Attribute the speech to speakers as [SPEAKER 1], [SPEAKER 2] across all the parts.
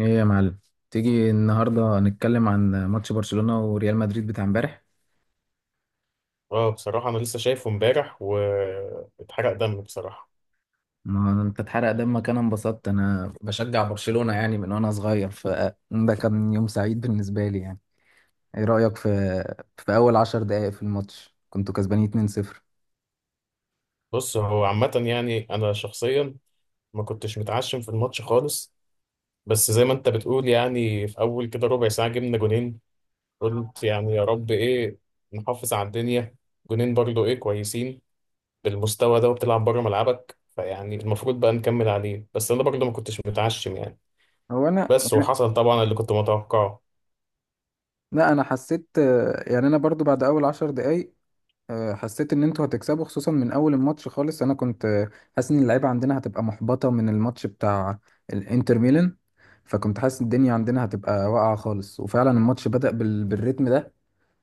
[SPEAKER 1] ايه يا معلم؟ تيجي النهارده نتكلم عن ماتش برشلونة وريال مدريد بتاع امبارح؟
[SPEAKER 2] اه بصراحة أنا لسه شايفه امبارح واتحرق دم بصراحة.
[SPEAKER 1] ما انت اتحرق دمك، انا انبسطت. انا بشجع برشلونة يعني من وانا صغير، فده كان يوم سعيد بالنسبة لي يعني. ايه رأيك في اول عشر دقائق في الماتش كنتوا كسبانين 2-0؟
[SPEAKER 2] بص هو عامة، يعني أنا شخصيا ما كنتش متعشم في الماتش خالص. بس زي ما أنت بتقول يعني في أول كده ربع ساعة جبنا جونين. قلت يعني يا رب إيه، نحافظ على الدنيا. جونين برضو إيه كويسين، بالمستوى ده وبتلعب بره ملعبك فيعني المفروض بقى نكمل عليه، بس أنا برضو ما كنتش متعشم يعني.
[SPEAKER 1] هو انا
[SPEAKER 2] بس
[SPEAKER 1] أنا-
[SPEAKER 2] وحصل طبعا اللي كنت متوقعه.
[SPEAKER 1] لا، انا حسيت. يعني انا برضو بعد اول عشر دقائق حسيت ان انتوا هتكسبوا، خصوصا من اول الماتش خالص. انا كنت حاسس ان اللعيبه عندنا هتبقى محبطه من الماتش بتاع الانتر ميلان. فكنت حاسس الدنيا عندنا هتبقى واقعه خالص، وفعلا الماتش بدأ بالريتم ده.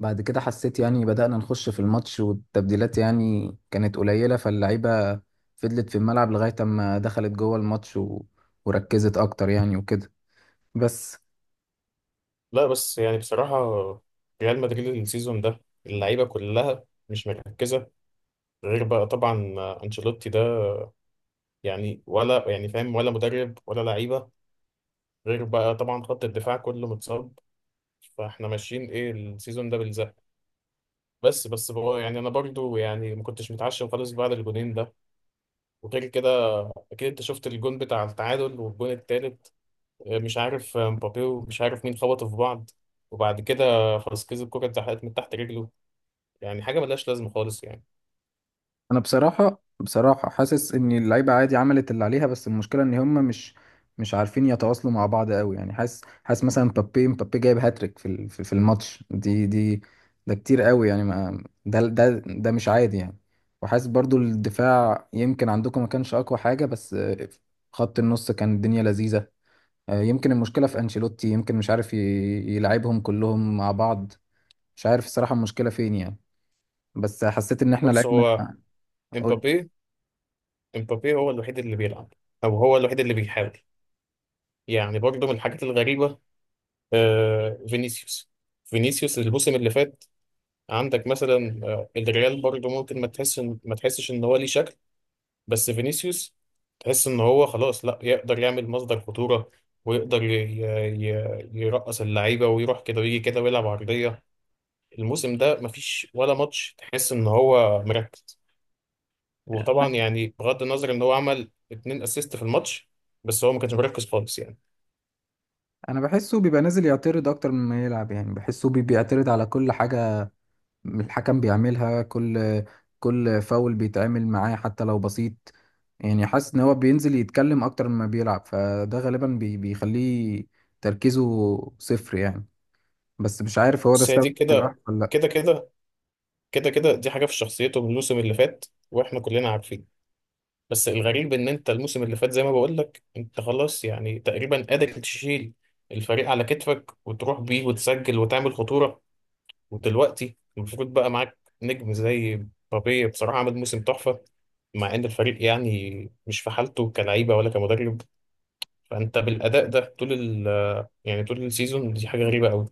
[SPEAKER 1] بعد كده حسيت يعني بدأنا نخش في الماتش، والتبديلات يعني كانت قليله، فاللعيبه فضلت في الملعب لغايه اما دخلت جوه الماتش وركزت اكتر يعني وكده بس.
[SPEAKER 2] لا بس يعني بصراحة، ريال مدريد السيزون ده اللعيبة كلها مش مركزة، غير بقى طبعا أنشيلوتي ده، يعني ولا يعني فاهم ولا مدرب ولا لعيبة، غير بقى طبعا خط الدفاع كله متصاب، فاحنا ماشيين ايه السيزون ده بالزق. بس بقى، يعني انا برضو يعني ما كنتش متعشم خالص بعد الجونين ده. وغير كده، اكيد انت شفت الجون بتاع التعادل والجون التالت. مش عارف مبابي ومش عارف مين خبطوا في بعض، وبعد كده خلاص كذا الكرة اتزحلقت من تحت رجله، يعني حاجه ملهاش لازمه خالص يعني.
[SPEAKER 1] انا بصراحه حاسس ان اللعيبه عادي عملت اللي عليها، بس المشكله ان هم مش عارفين يتواصلوا مع بعض قوي. يعني حاسس مثلا، مبابي جايب هاتريك في ال- في في الماتش دي ده كتير قوي. يعني ما ده مش عادي يعني. وحاسس برضو الدفاع يمكن عندكم ما كانش اقوى حاجه، بس خط النص كان الدنيا لذيذه. يمكن المشكله في انشيلوتي، يمكن مش عارف يلعبهم كلهم مع بعض. مش عارف الصراحه المشكله فين يعني، بس حسيت ان احنا
[SPEAKER 2] بص
[SPEAKER 1] لعبنا.
[SPEAKER 2] هو،
[SPEAKER 1] قول.
[SPEAKER 2] امبابي امبابي هو الوحيد اللي بيلعب، او هو الوحيد اللي بيحاول. يعني برضه من الحاجات الغريبه، آه فينيسيوس فينيسيوس الموسم اللي فات، عندك مثلا الريال برضه ممكن ما تحسش ان هو ليه شكل. بس فينيسيوس تحس ان هو خلاص لا يقدر يعمل مصدر خطوره، ويقدر يرقص اللعيبه ويروح كده ويجي كده ويلعب عرضيه. الموسم ده مفيش ولا ماتش تحس ان هو مركز، وطبعا يعني بغض النظر ان هو عمل اتنين اسيست في الماتش، بس هو ما كانش مركز خالص يعني.
[SPEAKER 1] انا بحسه بيبقى نازل يعترض اكتر مما يلعب. يعني بحسه بيعترض على كل حاجة. الحكم بيعملها، كل فاول بيتعمل معاه حتى لو بسيط. يعني حاسس ان هو بينزل يتكلم اكتر مما بيلعب، فده غالبا بيخليه تركيزه صفر يعني. بس مش عارف هو ده
[SPEAKER 2] بس هي
[SPEAKER 1] السبب
[SPEAKER 2] دي
[SPEAKER 1] هيبقى
[SPEAKER 2] كده
[SPEAKER 1] ولا لا.
[SPEAKER 2] كده كده كده كده، دي حاجه في شخصيته من الموسم اللي فات واحنا كلنا عارفين. بس الغريب ان انت الموسم اللي فات زي ما بقول لك انت خلاص يعني تقريبا قادر تشيل الفريق على كتفك وتروح بيه وتسجل وتعمل خطوره. ودلوقتي المفروض بقى معاك نجم زي مبابي، بصراحه عمل موسم تحفه، مع ان الفريق يعني مش في حالته كلعيبه ولا كمدرب. فانت بالاداء ده طول ال يعني طول السيزون دي حاجه غريبه قوي.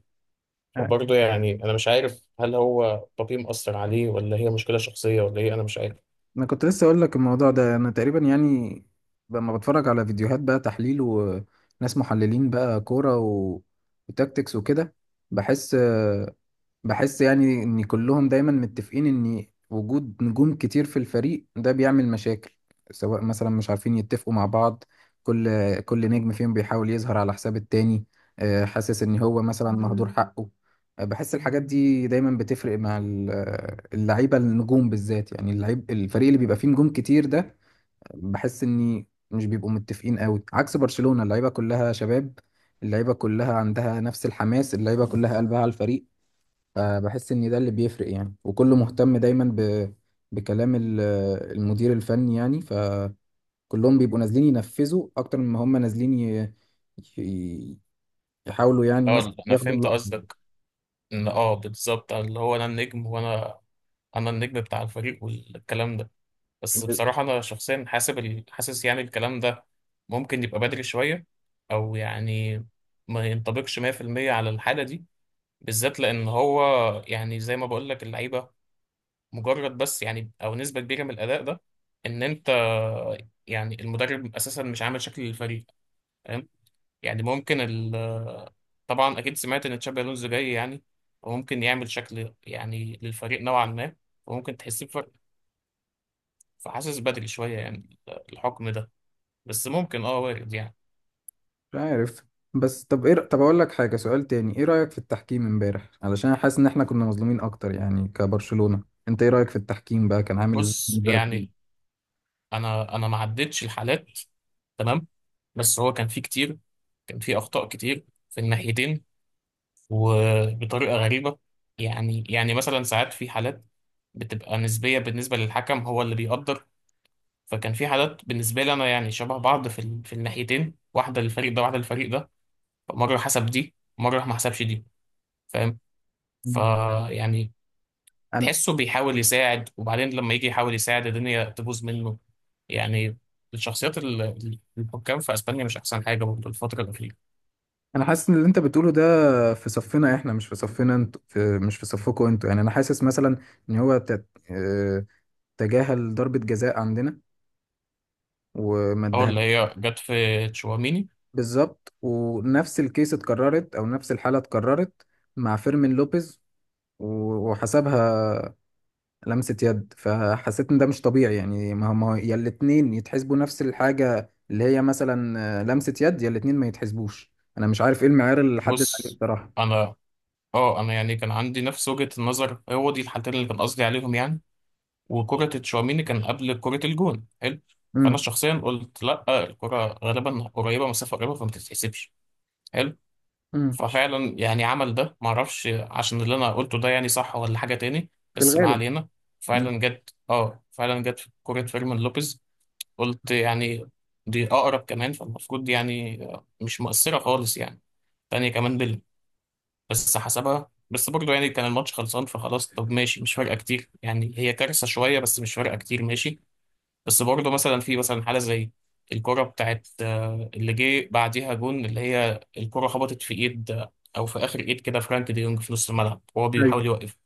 [SPEAKER 1] آه،
[SPEAKER 2] فبرضه يعني انا مش عارف هل هو بابي مأثر عليه ولا هي مشكله شخصيه ولا ايه، انا مش عارف.
[SPEAKER 1] انا كنت لسه اقول لك الموضوع ده. انا تقريبا يعني، لما بتفرج على فيديوهات بقى تحليل وناس محللين بقى كورة وتكتكس وكده، بحس بحس يعني ان كلهم دايما متفقين ان وجود نجوم كتير في الفريق ده بيعمل مشاكل. سواء مثلا مش عارفين يتفقوا مع بعض، كل نجم فيهم بيحاول يظهر على حساب التاني. حاسس ان هو مثلا مهدور حقه. بحس الحاجات دي دايما بتفرق مع اللعيبة النجوم بالذات. يعني اللعيب الفريق اللي بيبقى فيه نجوم كتير ده، بحس ان مش بيبقوا متفقين قوي، عكس برشلونة، اللعيبة كلها شباب، اللعيبة كلها عندها نفس الحماس، اللعيبة كلها قلبها على الفريق. فبحس ان ده اللي بيفرق يعني، وكله مهتم دايما بكلام المدير الفني يعني. فكلهم بيبقوا نازلين ينفذوا اكتر مما هم نازلين ي- يحاولوا يعني
[SPEAKER 2] اه
[SPEAKER 1] مثلا
[SPEAKER 2] انا
[SPEAKER 1] ياخدوا
[SPEAKER 2] فهمت
[SPEAKER 1] اللقطة.
[SPEAKER 2] قصدك، ان بالظبط اللي هو انا النجم، وانا النجم بتاع الفريق والكلام ده. بس
[SPEAKER 1] مش
[SPEAKER 2] بصراحه انا شخصيا حاسس يعني الكلام ده ممكن يبقى بدري شويه، او يعني ما ينطبقش 100% على الحاله دي، بالذات لان هو يعني زي ما بقول لك اللعيبه. مجرد بس يعني او نسبه كبيره من الاداء ده ان انت يعني المدرب اساسا مش عامل شكل للفريق، فاهم؟ يعني ممكن ال طبعا اكيد سمعت ان تشابي الونزو جاي يعني، وممكن يعمل شكل يعني للفريق نوعا ما، وممكن تحس بفرق. فحاسس بدري شويه يعني الحكم ده، بس ممكن وارد يعني.
[SPEAKER 1] عارف. بس طب ايه، طب اقول لك حاجة. سؤال تاني، ايه رأيك في التحكيم امبارح؟ علشان حاسس ان احنا كنا مظلومين اكتر، يعني كبرشلونة. انت ايه رأيك في التحكيم بقى، كان عامل ازاي
[SPEAKER 2] بص
[SPEAKER 1] بالنسبة لك؟
[SPEAKER 2] يعني انا ما عدتش الحالات، تمام، بس هو كان في اخطاء كتير في الناحيتين وبطريقة غريبة. يعني مثلا ساعات في حالات بتبقى نسبية بالنسبة للحكم، هو اللي بيقدر. فكان في حالات بالنسبة لي أنا يعني شبه بعض في الناحيتين، واحدة للفريق ده واحدة للفريق ده، مرة حسب دي مرة ما حسبش دي، فاهم؟ فيعني
[SPEAKER 1] انا
[SPEAKER 2] تحسه بيحاول يساعد، وبعدين لما يجي يحاول يساعد الدنيا تبوظ منه يعني. الشخصيات الحكام في اسبانيا مش احسن حاجه برضه الفتره الاخيره.
[SPEAKER 1] انا حاسس ان اللي انت بتقوله ده في صفنا احنا، مش في صفنا انت، مش في صفكم انتوا. يعني انا حاسس مثلا ان هو تت... آه، تجاهل ضربة جزاء عندنا وما
[SPEAKER 2] اول
[SPEAKER 1] اداها.
[SPEAKER 2] اللي هي جت في تشواميني.
[SPEAKER 1] بالظبط، ونفس الكيس اتكررت، او نفس الحالة اتكررت مع فيرمين لوبيز وحسبها لمسة يد. فحسيت ان ده مش طبيعي يعني. ما هم يا الاتنين يتحسبوا نفس الحاجة، اللي هي مثلا لمسة يد، يا الاتنين ما يتحسبوش. انا مش عارف ايه المعيار اللي حدد عليه
[SPEAKER 2] بص
[SPEAKER 1] بصراحة.
[SPEAKER 2] انا اه انا يعني كان عندي نفس وجهة النظر، هو دي الحالتين اللي كان قصدي عليهم يعني. وكرة تشواميني كان قبل كرة الجون، حلو، فانا
[SPEAKER 1] امم
[SPEAKER 2] شخصيا قلت لا الكرة غالبا قريبة، مسافة قريبة، فما تتحسبش، حلو.
[SPEAKER 1] امم
[SPEAKER 2] ففعلا يعني عمل ده، معرفش عشان اللي انا قلته ده يعني صح ولا حاجة تاني،
[SPEAKER 1] في
[SPEAKER 2] بس ما
[SPEAKER 1] الغالب.
[SPEAKER 2] علينا.
[SPEAKER 1] إمم.
[SPEAKER 2] فعلا جت في كرة فيرمين لوبيز، قلت يعني دي اقرب كمان فالمفروض دي يعني مش مؤثرة خالص يعني، تانية كمان، بس حسبها. بس برضه يعني كان الماتش خلصان فخلاص، طب ماشي، مش فارقه كتير، يعني هي كارثه شويه بس مش فارقه كتير، ماشي. بس برضه في مثلا حاله زي الكره بتاعت اللي جه بعديها جون، اللي هي الكره خبطت في ايد، او في اخر ايد كده، فرانك دي يونج في نص الملعب وهو
[SPEAKER 1] ايوه.
[SPEAKER 2] بيحاول يوقف.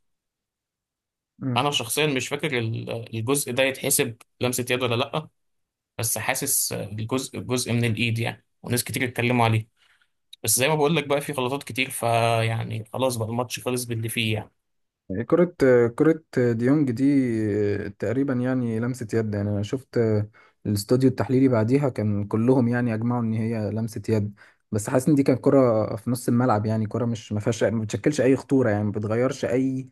[SPEAKER 1] مم.
[SPEAKER 2] انا شخصيا مش فاكر الجزء ده يتحسب لمسه يد ولا لا، بس حاسس جزء من الايد يعني، وناس كتير اتكلموا عليه، بس زي ما بقول لك بقى في غلطات كتير فيعني خلاص بقى الماتش خلص باللي فيه يعني.
[SPEAKER 1] كرة كرة ديونج دي تقريبا يعني لمسة يد. يعني انا شفت الاستوديو التحليلي بعديها كان كلهم يعني اجمعوا ان هي لمسة يد. بس حاسس ان دي كانت كرة في نص الملعب، يعني كرة مش ما فيهاش، ما بتشكلش اي خطورة، يعني ما بتغيرش اي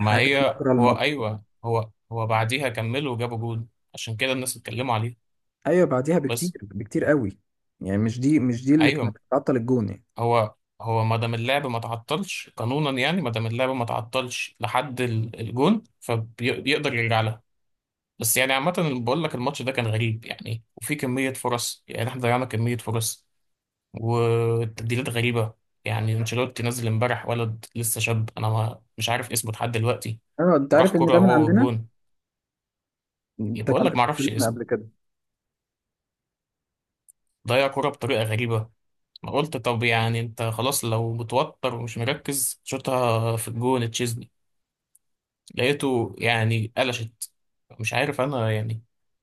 [SPEAKER 2] ما
[SPEAKER 1] في
[SPEAKER 2] هي
[SPEAKER 1] مجرى
[SPEAKER 2] هو
[SPEAKER 1] الماتش.
[SPEAKER 2] ايوه، هو بعديها كملوا وجابوا جول، عشان كده الناس اتكلموا عليه.
[SPEAKER 1] ايوه، بعديها بكتير
[SPEAKER 2] بس
[SPEAKER 1] بكتير قوي. يعني مش دي اللي كانت
[SPEAKER 2] ايوه،
[SPEAKER 1] بتعطل الجون يعني.
[SPEAKER 2] هو هو ما دام اللعب ما تعطلش قانونا يعني، ما دام اللعب ما تعطلش لحد الجون فبيقدر يرجع لها. بس يعني عامة بقول لك الماتش ده كان غريب يعني، وفي كمية فرص، يعني احنا ضيعنا كمية فرص، والتبديلات غريبة. يعني انشيلوتي نزل امبارح ولد لسه شاب، انا ما مش عارف اسمه لحد دلوقتي،
[SPEAKER 1] ايوه، انت
[SPEAKER 2] راح
[SPEAKER 1] عارف ان
[SPEAKER 2] كرة
[SPEAKER 1] ده من
[SPEAKER 2] هو
[SPEAKER 1] عندنا،
[SPEAKER 2] والجون،
[SPEAKER 1] ده
[SPEAKER 2] بقول
[SPEAKER 1] كان
[SPEAKER 2] لك
[SPEAKER 1] في
[SPEAKER 2] ما اعرفش
[SPEAKER 1] برشلونة
[SPEAKER 2] اسمه،
[SPEAKER 1] قبل كده.
[SPEAKER 2] ضيع كرة بطريقة غريبة، ما قلت طب يعني انت خلاص لو متوتر ومش مركز شوطها في الجون تشيزني، لقيته يعني قلشت، مش عارف انا يعني.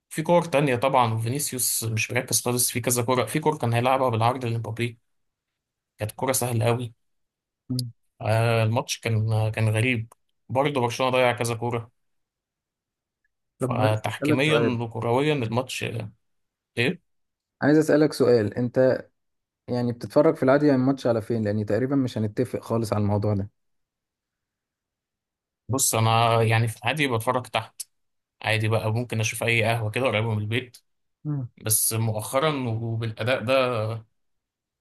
[SPEAKER 2] في كور تانية طبعا، وفينيسيوس مش مركز خالص في كذا كورة، في كور كان هيلعبها بالعرض لمبابي، كانت كورة سهلة قوي.
[SPEAKER 1] مم.
[SPEAKER 2] الماتش كان غريب، برضه برشلونة ضيع كذا كورة،
[SPEAKER 1] طب عايز اسالك
[SPEAKER 2] فتحكيميا
[SPEAKER 1] سؤال
[SPEAKER 2] وكرويا الماتش ايه؟
[SPEAKER 1] عايز اسالك سؤال انت يعني بتتفرج في العادي يعني الماتش على فين؟ لاني تقريبا مش هنتفق خالص على الموضوع ده.
[SPEAKER 2] بص انا يعني في العادي بتفرج تحت عادي بقى، ممكن اشوف اي قهوة كده قريبة من البيت،
[SPEAKER 1] مم.
[SPEAKER 2] بس مؤخرا وبالاداء ده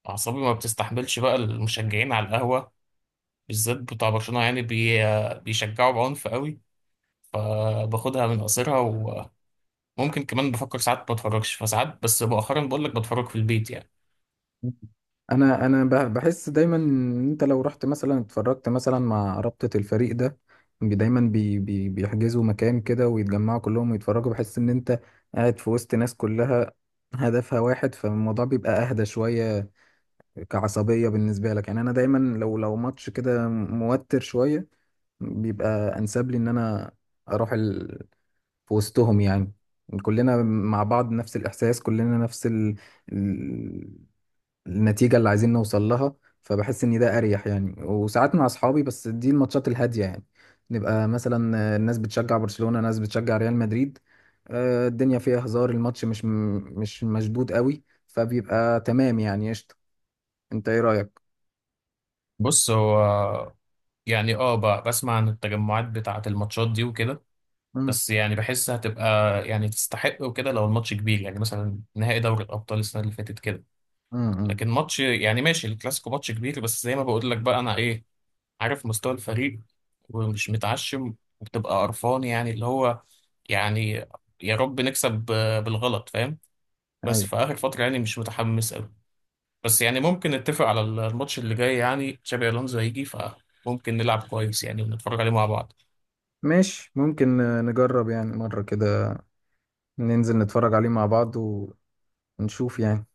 [SPEAKER 2] أعصابي ما بتستحملش بقى المشجعين على القهوة، بالذات بتاع برشلونة، يعني بيشجعوا بعنف قوي، فباخدها من قصيرها، وممكن كمان بفكر ساعات ما اتفرجش فساعات، بس مؤخرا بقول لك بتفرج في البيت يعني.
[SPEAKER 1] انا بحس دايما ان انت لو رحت مثلا اتفرجت مثلا مع رابطة الفريق ده، بي- دايما بي بي بيحجزوا مكان كده ويتجمعوا كلهم ويتفرجوا، بحس ان انت قاعد في وسط ناس كلها هدفها واحد، فالموضوع بيبقى اهدى شوية كعصبية بالنسبة لك يعني. انا دايما، لو ماتش كده موتر شوية، بيبقى انسب لي ان انا اروح في وسطهم يعني. كلنا مع بعض نفس الإحساس، كلنا نفس ال- النتيجة اللي عايزين نوصل لها. فبحس إن ده أريح يعني. وساعات مع أصحابي، بس دي الماتشات الهادية يعني، نبقى مثلا ناس بتشجع برشلونة، ناس بتشجع ريال مدريد، الدنيا فيها هزار، الماتش مش مشدود قوي، فبيبقى تمام يعني، قشطة. أنت إيه رأيك؟
[SPEAKER 2] بص هو يعني بسمع عن التجمعات بتاعة الماتشات دي وكده،
[SPEAKER 1] مم.
[SPEAKER 2] بس يعني بحس هتبقى، يعني تستحق وكده لو الماتش كبير، يعني مثلا نهائي دوري الأبطال السنة اللي فاتت كده.
[SPEAKER 1] مم. مم.
[SPEAKER 2] لكن ماتش يعني ماشي، الكلاسيكو ماتش كبير، بس زي ما بقول لك بقى أنا إيه عارف مستوى الفريق، ومش متعشم، وبتبقى قرفان يعني اللي هو يعني يا رب نكسب بالغلط، فاهم؟ بس
[SPEAKER 1] أيوة.
[SPEAKER 2] في آخر فترة يعني مش متحمس قوي، بس يعني ممكن نتفق على الماتش اللي جاي يعني تشابي ألونزو هيجي فممكن نلعب كويس يعني ونتفرج عليه مع بعض.
[SPEAKER 1] ماشي، ممكن نجرب يعني مرة كده، ننزل نتفرج عليه مع بعض، ونشوف يعني.